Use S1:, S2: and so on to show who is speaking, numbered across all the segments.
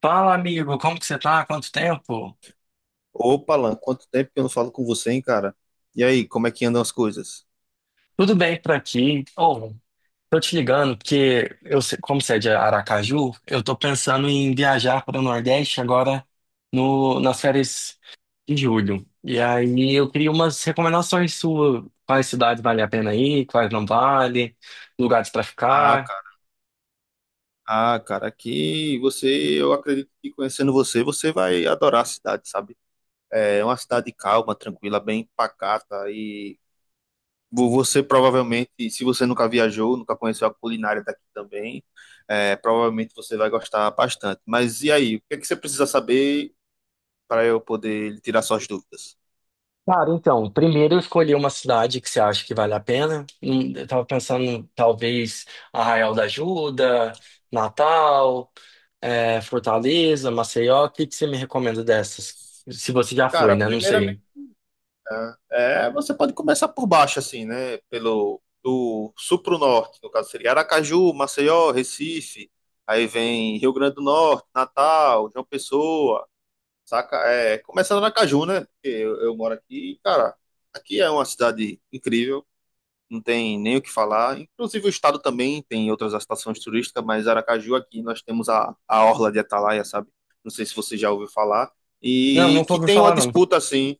S1: Fala, amigo, como que você tá? Quanto tempo?
S2: Opa, Alan, quanto tempo que eu não falo com você, hein, cara? E aí, como é que andam as coisas?
S1: Tudo bem por aqui? Ô, tô te ligando porque como você é de Aracaju, eu tô pensando em viajar para o Nordeste agora no, nas férias de julho. E aí eu queria umas recomendações suas, quais cidades vale a pena ir, quais não vale, lugares para
S2: Ah,
S1: ficar.
S2: cara, ah, cara, aqui você, eu acredito que conhecendo você, você vai adorar a cidade, sabe? É uma cidade calma, tranquila, bem pacata e você provavelmente, se você nunca viajou, nunca conheceu a culinária daqui também, provavelmente você vai gostar bastante. Mas e aí, o que é que você precisa saber para eu poder tirar suas dúvidas?
S1: Cara, então, primeiro eu escolhi uma cidade que você acha que vale a pena. Eu tava pensando, talvez, Arraial da Ajuda, Natal, Fortaleza, Maceió. O que que você me recomenda dessas? Se você já foi,
S2: Cara,
S1: né? Não sei.
S2: primeiramente é, você pode começar por baixo, assim, né? Pelo do sul para o norte, no caso seria Aracaju, Maceió, Recife, aí vem Rio Grande do Norte, Natal, João Pessoa, saca? É, começando Aracaju, né? Porque eu moro aqui, e, cara, aqui é uma cidade incrível, não tem nem o que falar. Inclusive o estado também tem outras atrações turísticas, mas Aracaju aqui nós temos a Orla de Atalaia, sabe? Não sei se você já ouviu falar.
S1: Não,
S2: E
S1: nunca
S2: que
S1: ouvi
S2: tem uma
S1: falar, não.
S2: disputa assim,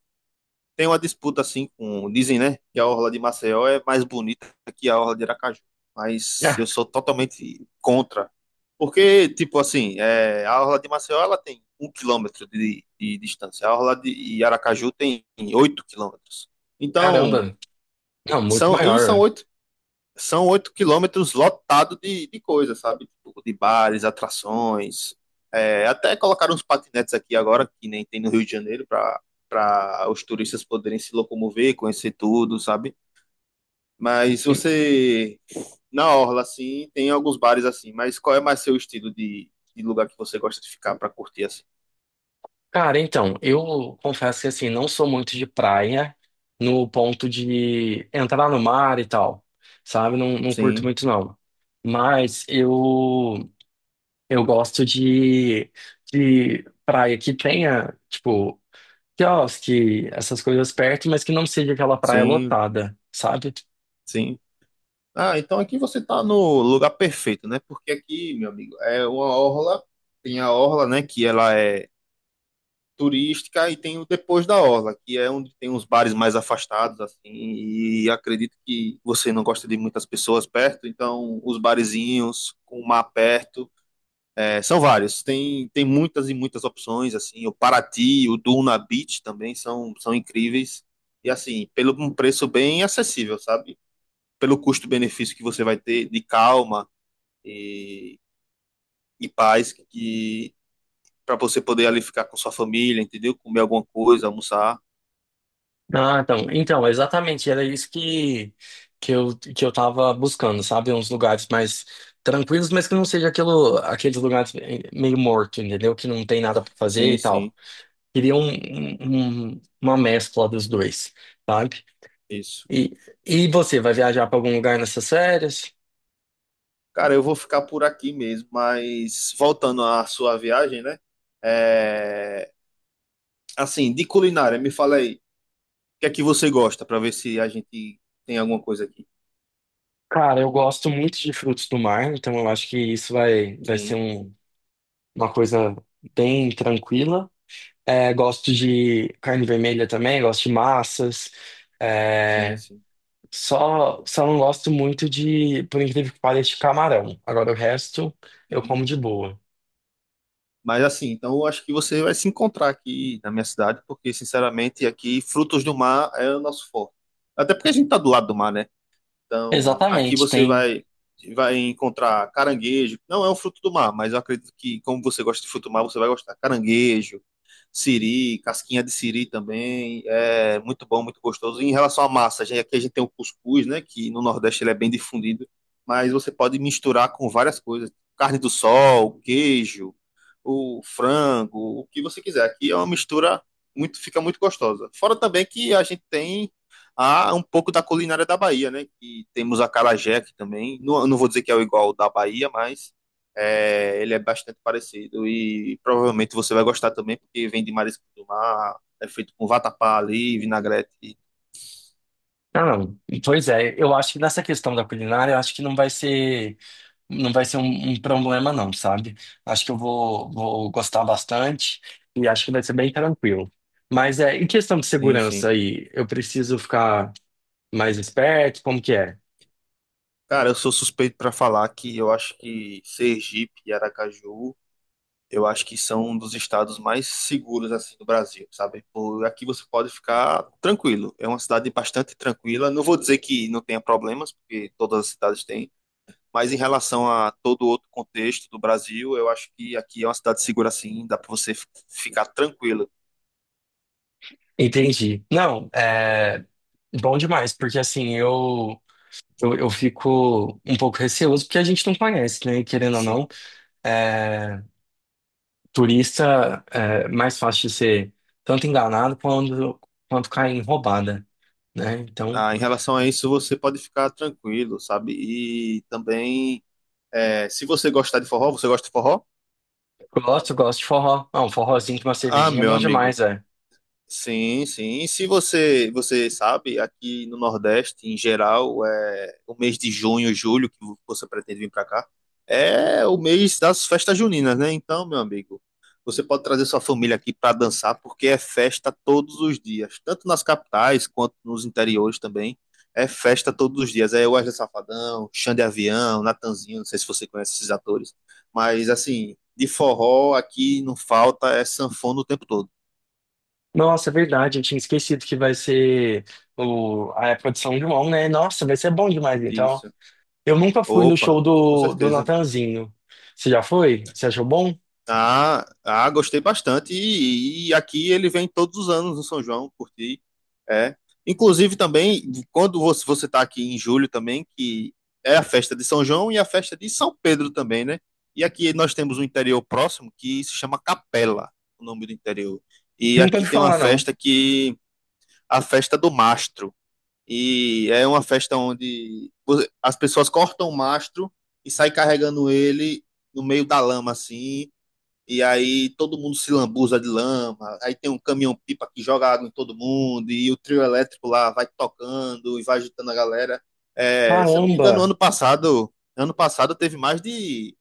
S2: tem uma disputa assim com. Dizem, né, que a orla de Maceió é mais bonita que a orla de Aracaju. Mas
S1: Ah,
S2: eu sou totalmente contra. Porque, tipo assim, é, a orla de Maceió ela tem um quilômetro de distância. A orla de Aracaju tem oito quilômetros. Então,
S1: caramba. Não, muito
S2: são, e
S1: maior,
S2: são
S1: ué.
S2: oito, são oito quilômetros lotado de coisa, sabe? Tipo, de bares, atrações. É, até colocaram uns patinetes aqui agora, que nem tem no Rio de Janeiro, para os turistas poderem se locomover, conhecer tudo, sabe? Mas
S1: E,
S2: você, na orla, assim, tem alguns bares assim, mas qual é mais seu estilo de lugar que você gosta de ficar para curtir assim?
S1: Cara, então, eu confesso que, assim, não sou muito de praia no ponto de entrar no mar e tal, sabe? Não, não curto
S2: Sim,
S1: muito, não. Mas eu gosto de praia que tenha, tipo, quiosque, essas coisas perto, mas que não seja aquela praia
S2: sim,
S1: lotada, sabe?
S2: sim. Ah, então aqui você tá no lugar perfeito, né? Porque aqui, meu amigo, é uma orla, tem a orla, né, que ela é turística e tem o Depois da Orla, que é onde tem uns bares mais afastados, assim, e acredito que você não gosta de muitas pessoas perto, então os barezinhos com o mar perto, é, são vários, tem muitas e muitas opções, assim, o Paraty, o Duna Beach também são incríveis, e assim, pelo um preço bem acessível, sabe? Pelo custo-benefício que você vai ter de calma e, e paz, que para você poder ali ficar com sua família, entendeu? Comer alguma coisa, almoçar.
S1: Ah, então, então, exatamente, era isso que eu tava buscando, sabe? Uns lugares mais tranquilos, mas que não seja aquilo, aqueles lugares meio morto, entendeu? Que não tem nada pra fazer
S2: Sim,
S1: e tal.
S2: sim,
S1: Queria uma mescla dos dois, sabe?
S2: isso.
S1: E, e você, vai viajar pra algum lugar nessas férias?
S2: Cara, eu vou ficar por aqui mesmo, mas voltando à sua viagem, né? É, assim, de culinária, me fala aí, o que é que você gosta, para ver se a gente tem alguma coisa aqui.
S1: Cara, eu gosto muito de frutos do mar, então eu acho que vai ser
S2: Sim,
S1: uma coisa bem tranquila. É, gosto de carne vermelha também, gosto de massas.
S2: sim,
S1: É,
S2: sim,
S1: só não gosto muito de, por incrível que pareça, de camarão. Agora o resto eu
S2: sim.
S1: como de boa.
S2: Mas assim, então eu acho que você vai se encontrar aqui na minha cidade, porque sinceramente aqui frutos do mar é o nosso forte. Até porque a gente tá do lado do mar, né? Então, aqui
S1: Exatamente,
S2: você
S1: tem.
S2: vai encontrar caranguejo. Não é um fruto do mar, mas eu acredito que como você gosta de fruto do mar, você vai gostar. Caranguejo, siri, casquinha de siri também. É muito bom, muito gostoso. Em relação à massa, a gente, aqui a gente tem o cuscuz, né, que no Nordeste ele é bem difundido, mas você pode misturar com várias coisas, carne do sol, queijo, o frango, o que você quiser. Aqui é uma mistura muito, fica muito gostosa. Fora também que a gente tem a um pouco da culinária da Bahia, né? E temos a acarajé aqui também. Não, eu não vou dizer que é o igual ao da Bahia, mas é, ele é bastante parecido e provavelmente você vai gostar também, porque vem de marisco do mar, é feito com vatapá ali, vinagrete.
S1: Não, não. Pois é, eu acho que nessa questão da culinária, eu acho que não vai ser. Não vai ser um problema, não, sabe? Acho que vou gostar bastante e acho que vai ser bem tranquilo. Mas é, em questão de
S2: Sim, sim.
S1: segurança aí, eu preciso ficar mais esperto? Como que é?
S2: Cara, eu sou suspeito para falar que eu acho que Sergipe e Aracaju eu acho que são um dos estados mais seguros assim do Brasil, sabe? Por aqui você pode ficar tranquilo. É uma cidade bastante tranquila. Não vou dizer que não tenha problemas, porque todas as cidades têm, mas em relação a todo outro contexto do Brasil, eu acho que aqui é uma cidade segura assim, dá para você ficar tranquilo.
S1: Entendi. Não, é bom demais, porque assim, eu fico um pouco receoso, porque a gente não conhece, né? E querendo ou
S2: Sim.
S1: não, é, turista é mais fácil de ser tanto quanto cair em roubada, né? Então.
S2: Ah, em relação a isso, você pode ficar tranquilo, sabe? E também, é, se você gostar de forró, você gosta de forró?
S1: Gosto, gosto de forró. Ah, um forrozinho de uma
S2: Ah,
S1: cervejinha é
S2: meu
S1: bom
S2: amigo.
S1: demais, é.
S2: Sim, sim. E se você, você sabe, aqui no Nordeste, em geral, é o mês de junho, julho, que você pretende vir para cá, é o mês das festas juninas, né? Então, meu amigo, você pode trazer sua família aqui para dançar, porque é festa todos os dias, tanto nas capitais quanto nos interiores também. É festa todos os dias. É Wesley Safadão, Xande Avião, Natanzinho, não sei se você conhece esses atores, mas assim, de forró aqui não falta, é sanfona o tempo todo.
S1: Nossa, é verdade, eu tinha esquecido que vai ser a época de São João, né? Nossa, vai ser bom demais, então.
S2: Isso.
S1: Eu nunca fui no
S2: Opa,
S1: show
S2: com
S1: do
S2: certeza.
S1: Natanzinho. Você já foi? Você achou bom?
S2: Ah, ah, gostei bastante. E aqui ele vem todos os anos no São João, curti. É. Inclusive também, quando você está aqui em julho também, que é a festa de São João e a festa de São Pedro também, né? E aqui nós temos um interior próximo que se chama Capela, o nome do interior. E
S1: Nunca
S2: aqui
S1: ouvi
S2: tem uma
S1: falar, não.
S2: festa que a festa do mastro. E é uma festa onde as pessoas cortam o mastro e saem carregando ele no meio da lama, assim. E aí todo mundo se lambuza de lama. Aí tem um caminhão-pipa que joga água em todo mundo. E o trio elétrico lá vai tocando e vai agitando a galera. É, se eu não me engano,
S1: Caramba,
S2: ano passado teve mais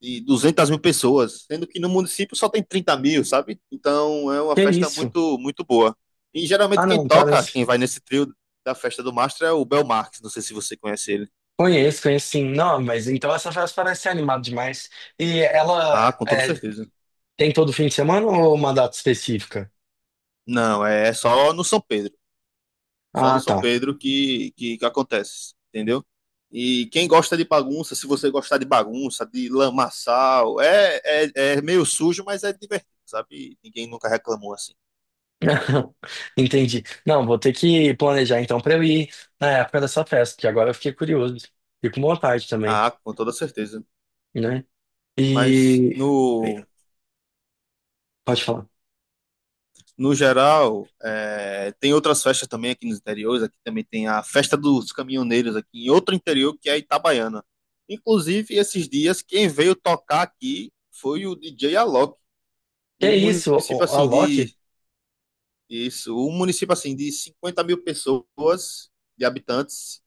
S2: de 200.000 pessoas, sendo que no município só tem 30.000, sabe? Então é uma
S1: que
S2: festa
S1: isso?
S2: muito, muito boa. E
S1: Ah,
S2: geralmente quem
S1: não,
S2: toca,
S1: parece.
S2: quem vai nesse trio da festa do Mastro é o Bel Marques, não sei se você conhece ele.
S1: Conheço, conheço sim. Não, mas então essa festa parece ser animada demais. E ela
S2: Ah, com toda
S1: é,
S2: certeza.
S1: tem todo fim de semana ou uma data específica?
S2: Não, é só no São Pedro, só no
S1: Ah,
S2: São
S1: tá.
S2: Pedro que acontece, entendeu? E quem gosta de bagunça, se você gostar de bagunça, de lamaçal, é, é meio sujo, mas é divertido, sabe? Ninguém nunca reclamou assim.
S1: Entendi. Não, vou ter que planejar então para eu ir na época dessa festa, porque agora eu fiquei curioso. E com vontade também,
S2: Ah, com toda certeza.
S1: né?
S2: Mas
S1: E. Pode falar.
S2: no geral, é, tem outras festas também aqui nos interiores. Aqui também tem a Festa dos Caminhoneiros, aqui em outro interior, que é a Itabaiana. Inclusive, esses dias, quem veio tocar aqui foi o DJ Alok,
S1: Que é
S2: um
S1: isso?
S2: município
S1: A
S2: assim
S1: Loki?
S2: de. Isso, um município assim de 50 mil pessoas, de habitantes,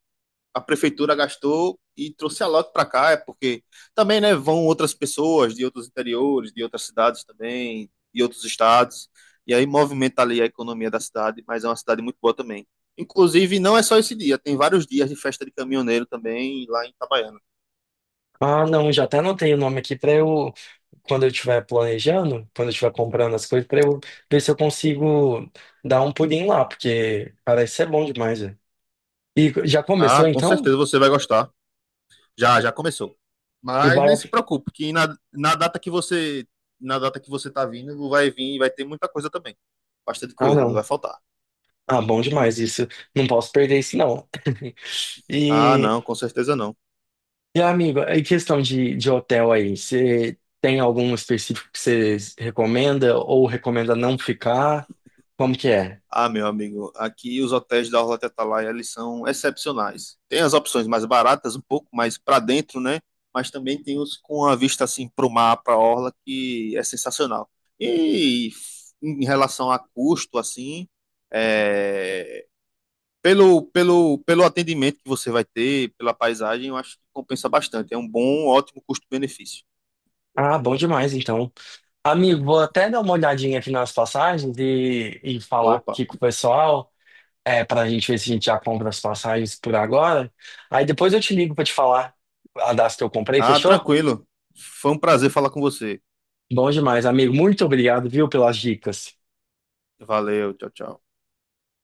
S2: a prefeitura gastou e trouxe a lote para cá, é porque também, né, vão outras pessoas de outros interiores, de outras cidades também, de outros estados, e aí movimenta ali a economia da cidade, mas é uma cidade muito boa também. Inclusive, não é só esse dia, tem vários dias de festa de caminhoneiro também lá em Itabaiana.
S1: Ah, não, já até anotei o nome aqui para eu. Quando eu estiver planejando, quando eu estiver comprando as coisas, para eu ver se eu consigo dar um pulinho lá, porque parece ser bom demais, né? E já
S2: Ah,
S1: começou
S2: com
S1: então?
S2: certeza você vai gostar. Já, já começou.
S1: E
S2: Mas
S1: vai.
S2: nem se preocupe, que na data que você, na data que você tá vindo, vai vir, vai ter muita coisa também. Bastante
S1: Ah,
S2: coisa, não
S1: não.
S2: vai faltar.
S1: Ah, bom demais isso. Não posso perder isso, não.
S2: Ah,
S1: E.
S2: não, com certeza não.
S1: E, amigo, em questão de hotel aí, você tem algum específico que você recomenda ou recomenda não ficar? Como que é?
S2: Ah, meu amigo, aqui os hotéis da Orla Tetalai, eles são excepcionais. Tem as opções mais baratas, um pouco mais para dentro, né? Mas também tem os com a vista assim para o mar, para a orla, que é sensacional. E em relação a custo, assim, é, pelo atendimento que você vai ter, pela paisagem, eu acho que compensa bastante. É um bom, ótimo custo-benefício.
S1: Ah, bom demais, então. Amigo, vou até dar uma olhadinha aqui nas passagens e falar
S2: Opa.
S1: aqui com o pessoal, é, pra gente ver se a gente já compra as passagens por agora. Aí depois eu te ligo pra te falar a das que eu comprei,
S2: Ah,
S1: fechou?
S2: tranquilo. Foi um prazer falar com você.
S1: Bom demais, amigo. Muito obrigado, viu, pelas dicas.
S2: Valeu, tchau, tchau.